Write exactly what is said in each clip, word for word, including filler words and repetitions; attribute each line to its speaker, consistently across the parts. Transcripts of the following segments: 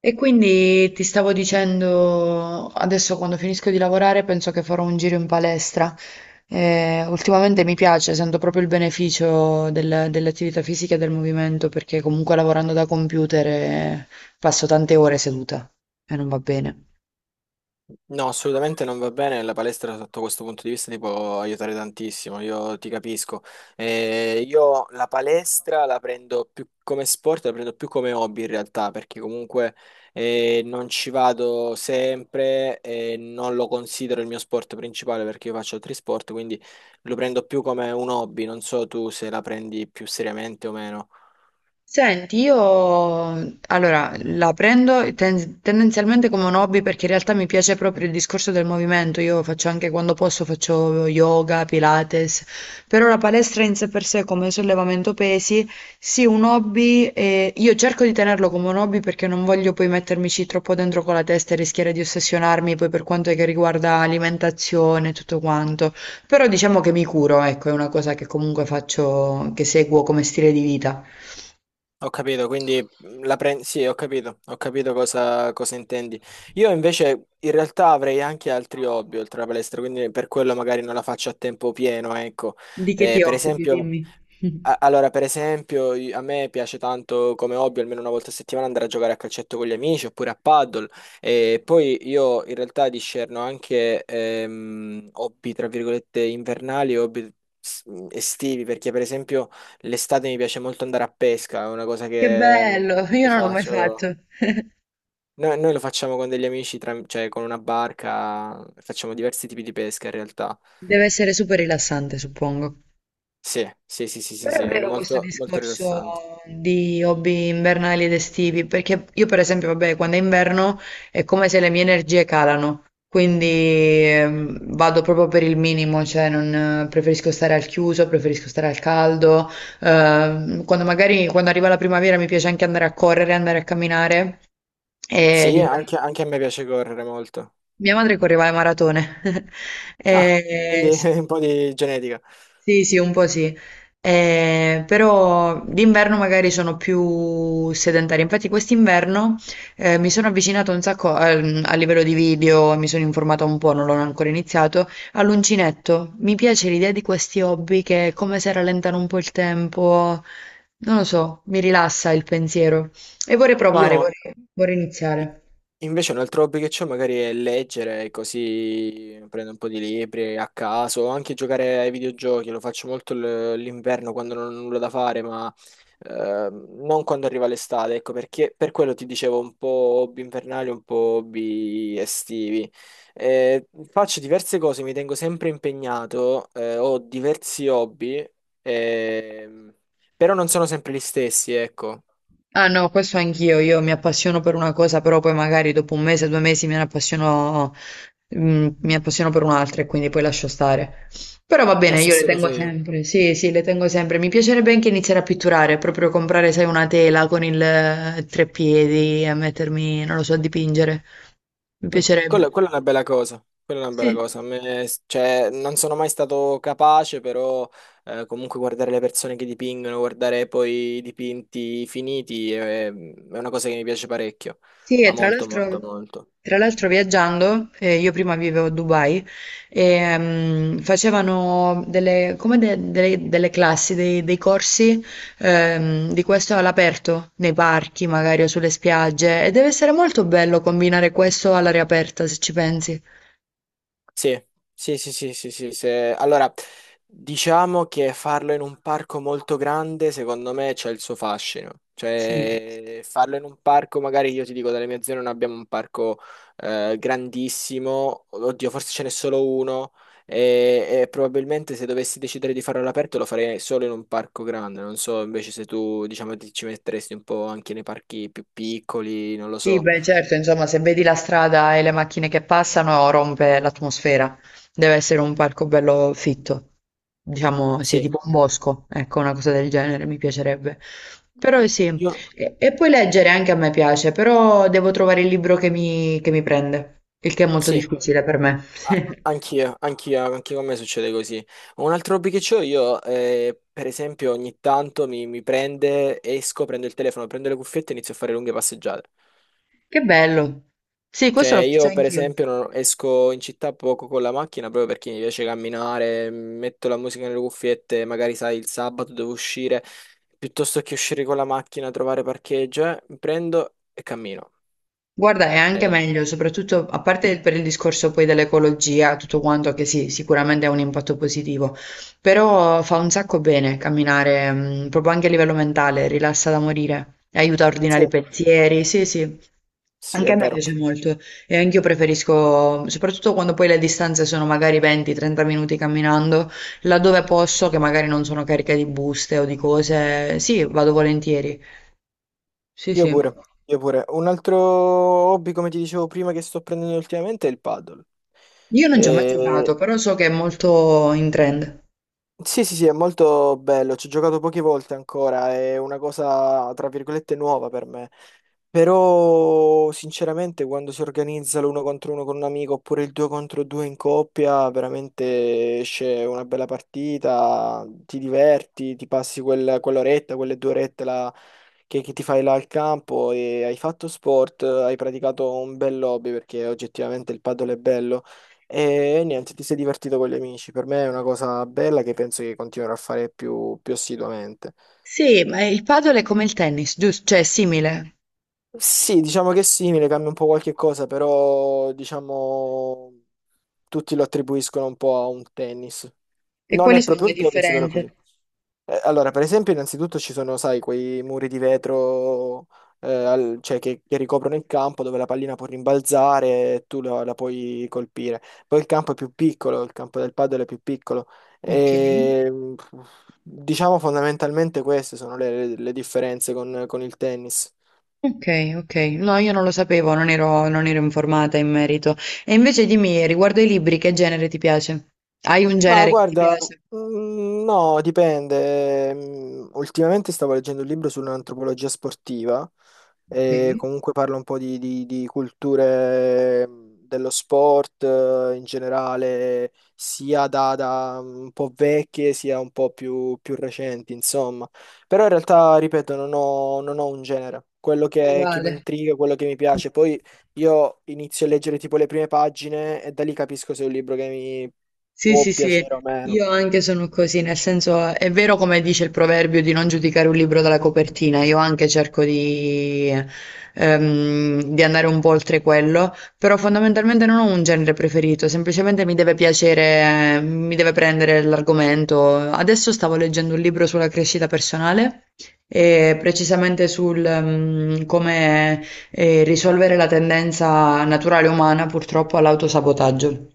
Speaker 1: E quindi ti stavo dicendo, adesso quando finisco di lavorare penso che farò un giro in palestra. Eh, ultimamente mi piace, sento proprio il beneficio del- delle attività fisiche e del movimento, perché comunque lavorando da computer eh, passo tante ore seduta e non va bene.
Speaker 2: No, assolutamente non va bene. La palestra sotto questo punto di vista ti può aiutare tantissimo, io ti capisco. Eh, io la palestra la prendo più come sport, la prendo più come hobby in realtà, perché comunque eh, non ci vado sempre e non lo considero il mio sport principale perché io faccio altri sport, quindi lo prendo più come un hobby. Non so tu se la prendi più seriamente o meno.
Speaker 1: Senti, io allora la prendo ten- tendenzialmente come un hobby perché in realtà mi piace proprio il discorso del movimento. Io faccio anche quando posso, faccio yoga, pilates, però la palestra in sé per sé come sollevamento pesi, sì, un hobby. Eh, io cerco di tenerlo come un hobby perché non voglio poi mettermici troppo dentro con la testa e rischiare di ossessionarmi poi per quanto che riguarda alimentazione e tutto quanto. Però diciamo che mi curo, ecco, è una cosa che comunque faccio, che seguo come stile di vita.
Speaker 2: Ho capito, quindi mhmm, la prendi. Sì, ho capito, ho capito cosa, cosa intendi. Io invece in realtà avrei anche altri hobby oltre alla palestra, quindi per quello magari non la faccio a tempo pieno, ecco.
Speaker 1: Di che ti
Speaker 2: Eh, per
Speaker 1: occupi,
Speaker 2: esempio,
Speaker 1: dimmi.
Speaker 2: a- allora, per esempio, i- a me piace tanto come hobby almeno una volta a settimana andare a giocare a calcetto con gli amici oppure a paddle e poi io in realtà discerno anche ehm, hobby tra virgolette invernali e hobby s- estivi perché per esempio l'estate mi piace molto andare a pesca, è una cosa
Speaker 1: Che
Speaker 2: che mm,
Speaker 1: bello, io
Speaker 2: io
Speaker 1: non l'ho mai
Speaker 2: faccio.
Speaker 1: fatto.
Speaker 2: Noi, noi lo facciamo con degli amici, tram- cioè con una barca, facciamo diversi tipi di pesca in realtà.
Speaker 1: Deve essere super rilassante, suppongo.
Speaker 2: Sì, sì, sì, sì, sì,
Speaker 1: Però
Speaker 2: sì,
Speaker 1: è
Speaker 2: è
Speaker 1: vero questo
Speaker 2: molto molto
Speaker 1: discorso
Speaker 2: rilassante.
Speaker 1: di hobby invernali ed estivi, perché io per esempio, vabbè, quando è inverno è come se le mie energie calano, quindi ehm, vado proprio per il minimo, cioè non, eh, preferisco stare al chiuso, preferisco stare al caldo, ehm, quando magari quando arriva la primavera mi piace anche andare a correre, andare a camminare, e
Speaker 2: Sì,
Speaker 1: d'inverno.
Speaker 2: anche, anche a me piace correre molto.
Speaker 1: Mia madre correva le maratone,
Speaker 2: Ah,
Speaker 1: Eh,
Speaker 2: quindi
Speaker 1: sì,
Speaker 2: un po' di genetica.
Speaker 1: sì, sì, un po' sì. Eh, però d'inverno magari sono più sedentaria. Infatti quest'inverno eh, mi sono avvicinata un sacco al- a, livello di video, mi sono informata un po', non l'ho ancora iniziato, all'uncinetto. Mi piace l'idea di questi hobby che è come se rallentano un po' il tempo, non lo so, mi rilassa il pensiero e vorrei
Speaker 2: Io
Speaker 1: provare, vorrei vorrei iniziare.
Speaker 2: invece un altro hobby che ho magari è leggere, così prendo un po' di libri a caso, o anche giocare ai videogiochi, lo faccio molto l- l'inverno quando non ho nulla da fare, ma ehm, non quando arriva l'estate, ecco perché per quello ti dicevo un po' hobby invernali, un po' hobby estivi. Eh, faccio diverse cose, mi tengo sempre impegnato, eh, ho diversi hobby, ehm, però non sono sempre gli stessi, ecco,
Speaker 1: Ah no, questo anch'io, io mi appassiono per una cosa, però poi magari dopo un mese, due mesi me ne appassiono, mm, mi appassiono per un'altra e quindi poi lascio stare. Però va
Speaker 2: la
Speaker 1: bene, io le
Speaker 2: stessa
Speaker 1: tengo
Speaker 2: cosa io.
Speaker 1: sempre, sì, sì, le tengo sempre. Mi piacerebbe anche iniziare a pitturare, proprio comprare, sai, una tela con il eh, treppiedi e mettermi, non lo so, a dipingere. Mi
Speaker 2: Mm,
Speaker 1: piacerebbe.
Speaker 2: Quella, quella è una bella cosa, quella è una bella
Speaker 1: Sì.
Speaker 2: cosa. A me, cioè, non sono mai stato capace, però eh, comunque guardare le persone che dipingono, guardare poi i dipinti finiti, è, è una cosa che mi piace parecchio,
Speaker 1: Sì, e
Speaker 2: ma
Speaker 1: tra
Speaker 2: molto, molto,
Speaker 1: l'altro
Speaker 2: molto.
Speaker 1: tra l'altro viaggiando, eh, io prima vivevo a Dubai, ehm, facevano delle, come de- delle, delle classi, dei, dei corsi ehm, di questo all'aperto, nei parchi magari o sulle spiagge, e deve essere molto bello combinare questo all'aria aperta, se ci pensi.
Speaker 2: Sì, sì, sì, sì, sì, sì, se- allora, diciamo che farlo in un parco molto grande, secondo me, c'è il suo fascino.
Speaker 1: Sì.
Speaker 2: Cioè, farlo in un parco, magari io ti dico, dalle mie zone non abbiamo un parco eh, grandissimo, oddio, forse ce n'è solo uno, e, e probabilmente se dovessi decidere di farlo all'aperto lo farei solo in un parco grande. Non so, invece se tu, diciamo, ti- ci metteresti un po' anche nei parchi più piccoli, non lo
Speaker 1: Sì,
Speaker 2: so.
Speaker 1: beh, certo, insomma, se vedi la strada e le macchine che passano, rompe l'atmosfera. Deve essere un parco bello fitto. Diciamo, sì,
Speaker 2: Sì,
Speaker 1: tipo un bosco, ecco, una cosa del genere, mi piacerebbe. Però sì,
Speaker 2: io...
Speaker 1: e, e poi leggere anche a me piace, però devo trovare il libro che mi, che mi prende, il che è molto
Speaker 2: Sì.
Speaker 1: difficile per me.
Speaker 2: A- Anch'io, anch'io, anche con me succede così. Un altro hobby che ho io, eh, per esempio, ogni tanto mi, mi prende, esco, prendo il telefono, prendo le cuffiette e inizio a fare lunghe passeggiate.
Speaker 1: Che bello. Sì,
Speaker 2: Cioè,
Speaker 1: questo l'ho fatto
Speaker 2: io per
Speaker 1: anch'io.
Speaker 2: esempio non- esco in città poco con la macchina proprio perché mi piace camminare, metto la musica nelle cuffiette, magari sai, il sabato devo uscire, piuttosto che uscire con la macchina, trovare parcheggio, eh, prendo e cammino.
Speaker 1: Guarda, è anche
Speaker 2: Eh,
Speaker 1: meglio, soprattutto a parte per il discorso poi dell'ecologia, tutto quanto che sì, sicuramente ha un impatto positivo, però fa un sacco bene camminare, mm, proprio anche a livello mentale, rilassa da morire, aiuta a
Speaker 2: sì,
Speaker 1: ordinare i pensieri, sì, sì.
Speaker 2: sì,
Speaker 1: Anche
Speaker 2: è
Speaker 1: a me
Speaker 2: vero.
Speaker 1: piace molto e anch'io preferisco, soprattutto quando poi le distanze sono magari venti trenta minuti camminando, laddove posso, che magari non sono carica di buste o di cose, sì, vado volentieri. Sì,
Speaker 2: Io
Speaker 1: sì.
Speaker 2: pure, io pure. Un altro hobby, come ti dicevo prima, che sto prendendo ultimamente è il paddle.
Speaker 1: Io
Speaker 2: Mm.
Speaker 1: non ci ho mai giocato,
Speaker 2: E,
Speaker 1: però so che è molto in trend.
Speaker 2: sì, sì, sì, è molto bello, ci ho giocato poche volte ancora, è una cosa, tra virgolette, nuova per me. Però, sinceramente, quando si organizza l'uno contro uno con un amico oppure il due contro due in coppia, veramente esce una bella partita, ti diverti, ti passi quel- quell'oretta, quelle due orette là che, che ti fai là al campo e hai fatto sport, hai praticato un bel hobby perché oggettivamente il padel è bello. E niente, ti sei divertito con gli amici. Per me è una cosa bella che penso che continuerò a fare più, più assiduamente.
Speaker 1: Sì, ma il padel è come il tennis, giusto? Cioè, è simile.
Speaker 2: Sì, diciamo che è simile, cambia un po' qualche cosa, però diciamo tutti lo attribuiscono un po' a un tennis.
Speaker 1: E
Speaker 2: Non
Speaker 1: quali
Speaker 2: è
Speaker 1: sono
Speaker 2: proprio
Speaker 1: le
Speaker 2: un tennis, però è così.
Speaker 1: differenze?
Speaker 2: Eh, Allora, per esempio, innanzitutto ci sono, sai, quei muri di vetro eh, al- cioè, che, che ricoprono il campo dove la pallina può rimbalzare e tu la, la puoi colpire. Poi il campo è più piccolo, il campo del padel è più piccolo.
Speaker 1: Ok.
Speaker 2: E, mh, diciamo fondamentalmente queste sono le, le differenze con, con il tennis.
Speaker 1: Ok, ok. No, io non lo sapevo, non ero, non ero informata in merito. E invece dimmi, riguardo ai libri, che genere ti piace? Hai un
Speaker 2: Ma
Speaker 1: genere che ti
Speaker 2: guarda,
Speaker 1: piace?
Speaker 2: mm, no, dipende. Mm, Ultimamente stavo leggendo un libro sull'antropologia sportiva
Speaker 1: Ok,
Speaker 2: e comunque parla un po' di, di- di culture mm, dello sport eh, in generale, sia da, da un po' vecchie sia un po' più, più recenti, insomma. Però in realtà, ripeto, non ho, non ho un genere. Quello che, che mi
Speaker 1: uguale.
Speaker 2: intriga, quello che mi piace. Poi io inizio a leggere tipo le prime pagine e da lì capisco se è un libro che mi
Speaker 1: Sì,
Speaker 2: può
Speaker 1: sì, sì,
Speaker 2: piacere o meno.
Speaker 1: io anche sono così, nel senso è vero come dice il proverbio di non giudicare un libro dalla copertina, io anche cerco di, ehm, di andare un po' oltre quello, però fondamentalmente non ho un genere preferito, semplicemente mi deve piacere, eh, mi deve prendere l'argomento. Adesso stavo leggendo un libro sulla crescita personale e precisamente sul, ehm, come, eh, risolvere la tendenza naturale umana purtroppo all'autosabotaggio.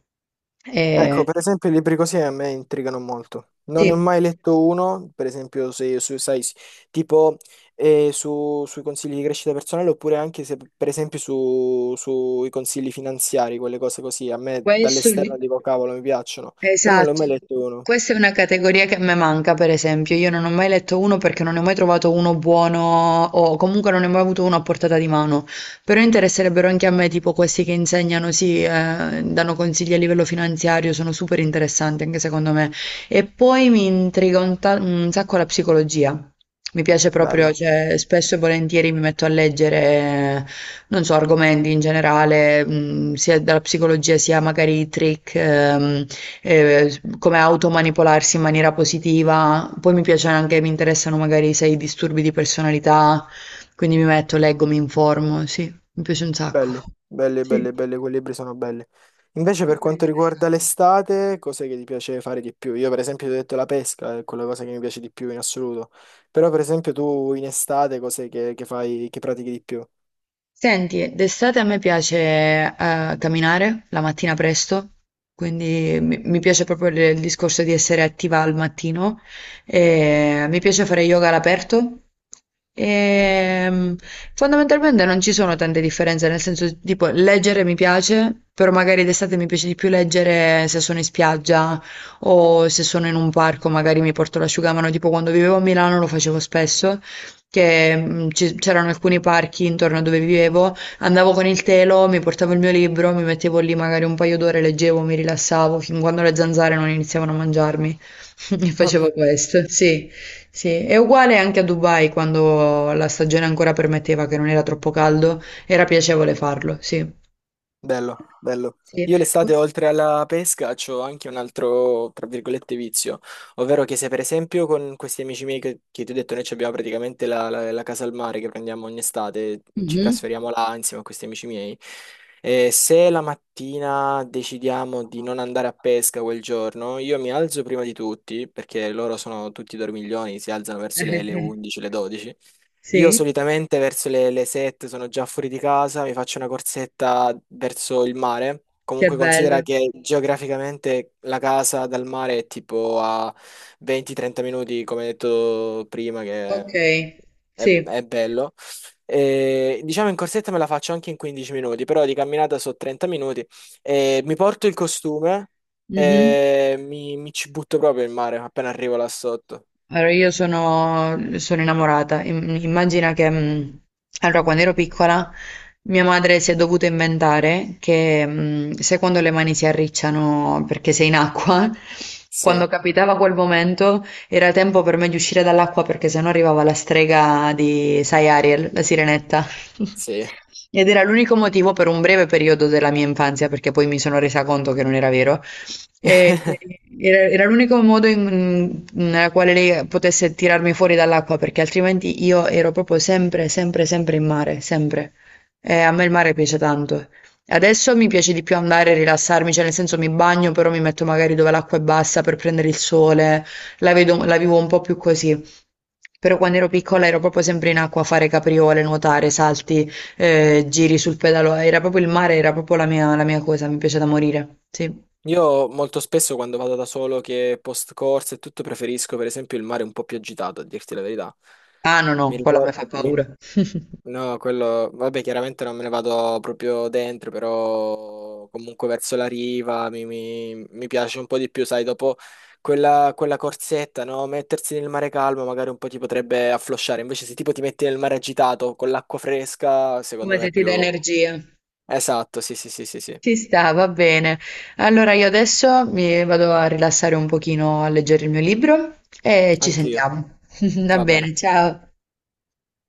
Speaker 2: Ecco,
Speaker 1: E-
Speaker 2: per esempio, i libri così a me intrigano molto. Non ne ho
Speaker 1: sì,
Speaker 2: mai letto uno, per esempio, se, su- sai, s- tipo eh, su- sui consigli di crescita personale, oppure anche se, per esempio, su- sui consigli finanziari, quelle cose così. A me
Speaker 1: questo lì.
Speaker 2: dall'esterno dico, cavolo, mi piacciono, però non ne ho mai
Speaker 1: Esatto.
Speaker 2: letto uno.
Speaker 1: Questa è una categoria che a me manca, per esempio. Io non ho mai letto uno perché non ne ho mai trovato uno buono o comunque non ne ho mai avuto uno a portata di mano. Però interesserebbero anche a me, tipo questi che insegnano, sì, eh, danno consigli a livello finanziario, sono super interessanti anche secondo me. E poi mi intriga un, ta- un sacco la psicologia. Mi piace proprio,
Speaker 2: Bello.
Speaker 1: cioè, spesso e volentieri mi metto a leggere, non so, argomenti in generale, mh, sia dalla psicologia sia magari i trick. Ehm, eh, s- come automanipolarsi in maniera positiva. Poi mi piace anche, mi interessano magari se hai disturbi di personalità, quindi mi metto, leggo, mi informo, sì, mi piace un sacco.
Speaker 2: Belle, belle,
Speaker 1: Sì,
Speaker 2: belle, belle, quei libri sono belle. Invece per
Speaker 1: super
Speaker 2: quanto riguarda
Speaker 1: interessante.
Speaker 2: l'estate, cos'è che ti piace fare di più? Io per esempio ti ho detto la pesca, è quella cosa che mi piace di più in assoluto. Però per esempio tu in estate cos'è che, che fai, che pratichi di più?
Speaker 1: Senti, d'estate a me piace eh, camminare la mattina presto, quindi mi, mi piace proprio il, il discorso di essere attiva al mattino. E mi piace fare yoga all'aperto. E, mm, Fondamentalmente non ci sono tante differenze, nel senso tipo leggere mi piace, però magari d'estate mi piace di più leggere se sono in spiaggia o se sono in un parco, magari mi porto l'asciugamano, tipo quando vivevo a Milano lo facevo spesso che mh, ci- c'erano alcuni parchi intorno a dove vivevo, andavo con il telo, mi portavo il mio libro, mi mettevo lì magari un paio d'ore, leggevo, mi rilassavo, fin quando le zanzare non iniziavano a mangiarmi. E facevo questo, sì, sì. È uguale anche a Dubai, quando la stagione ancora permetteva che non era troppo caldo, era piacevole farlo, sì.
Speaker 2: Bello, bello.
Speaker 1: Sì.
Speaker 2: Io l'estate, oltre alla pesca, ho anche un altro, tra virgolette, vizio, ovvero che se per esempio con questi amici miei che, che ti ho detto, noi, ci abbiamo praticamente la, la- la casa al mare che prendiamo ogni estate, ci
Speaker 1: Mhm.
Speaker 2: trasferiamo là insieme a questi amici miei, e se la mattina decidiamo di non andare a pesca quel giorno, io mi alzo prima di tutti, perché loro sono tutti dormiglioni, si alzano verso le, le undici, le dodici. Io
Speaker 1: Sì,
Speaker 2: solitamente verso le, le sette sono già fuori di casa, mi faccio una corsetta verso il mare.
Speaker 1: che
Speaker 2: Comunque considera
Speaker 1: bello.
Speaker 2: che geograficamente la casa dal mare è tipo a venti trenta minuti, come detto prima, che
Speaker 1: Ok,
Speaker 2: è,
Speaker 1: sì.
Speaker 2: è bello. E, diciamo in corsetta me la faccio anche in quindici minuti, però di camminata so trenta minuti. E mi porto il costume
Speaker 1: Mhm.
Speaker 2: e mi, mi ci butto proprio in mare appena arrivo là sotto.
Speaker 1: Allora, io sono, sono innamorata. Im- Immagina che, mh, allora, quando ero piccola, mia madre si è dovuta inventare che, mh, se quando le mani si arricciano perché sei in acqua,
Speaker 2: Sì,
Speaker 1: quando capitava quel momento, era tempo per me di uscire dall'acqua perché sennò arrivava la strega di, sai, Ariel, la sirenetta.
Speaker 2: sì.
Speaker 1: Ed era l'unico motivo per un breve periodo della mia infanzia, perché poi mi sono resa conto che non era vero, e- era era l'unico modo in- nella quale lei potesse tirarmi fuori dall'acqua, perché altrimenti io ero proprio sempre, sempre, sempre in mare, sempre. E a me il mare piace tanto. Adesso mi piace di più andare a rilassarmi, cioè nel senso mi bagno, però mi metto magari dove l'acqua è bassa per prendere il sole, la vedo- la vivo un po' più così. Però quando ero piccola ero proprio sempre in acqua a fare capriole, nuotare, salti, eh, giri sul pedalò. Era proprio il mare, era proprio la mia, la mia cosa, mi piace da morire. Sì.
Speaker 2: Io molto spesso quando vado da solo che post corsa e tutto preferisco per esempio il mare un po' più agitato, a dirti la verità.
Speaker 1: Ah no, no,
Speaker 2: Mi
Speaker 1: quella mi
Speaker 2: ricordo...
Speaker 1: fa paura.
Speaker 2: No, quello... Vabbè, chiaramente non me ne vado proprio dentro, però comunque verso la riva mi, mi- mi piace un po' di più, sai, dopo quella, quella corsetta, no? Mettersi nel mare calmo magari un po' ti potrebbe afflosciare, invece se tipo ti metti nel mare agitato con l'acqua fresca,
Speaker 1: Come
Speaker 2: secondo me
Speaker 1: se
Speaker 2: è
Speaker 1: ti dà
Speaker 2: più...
Speaker 1: energia.
Speaker 2: Esatto, sì, sì, sì, sì, sì.
Speaker 1: Ci sta, va bene. Allora io adesso mi vado a rilassare un pochino a leggere il mio libro e ci
Speaker 2: Anch'io.
Speaker 1: sentiamo. Va
Speaker 2: Va bene.
Speaker 1: bene, ciao.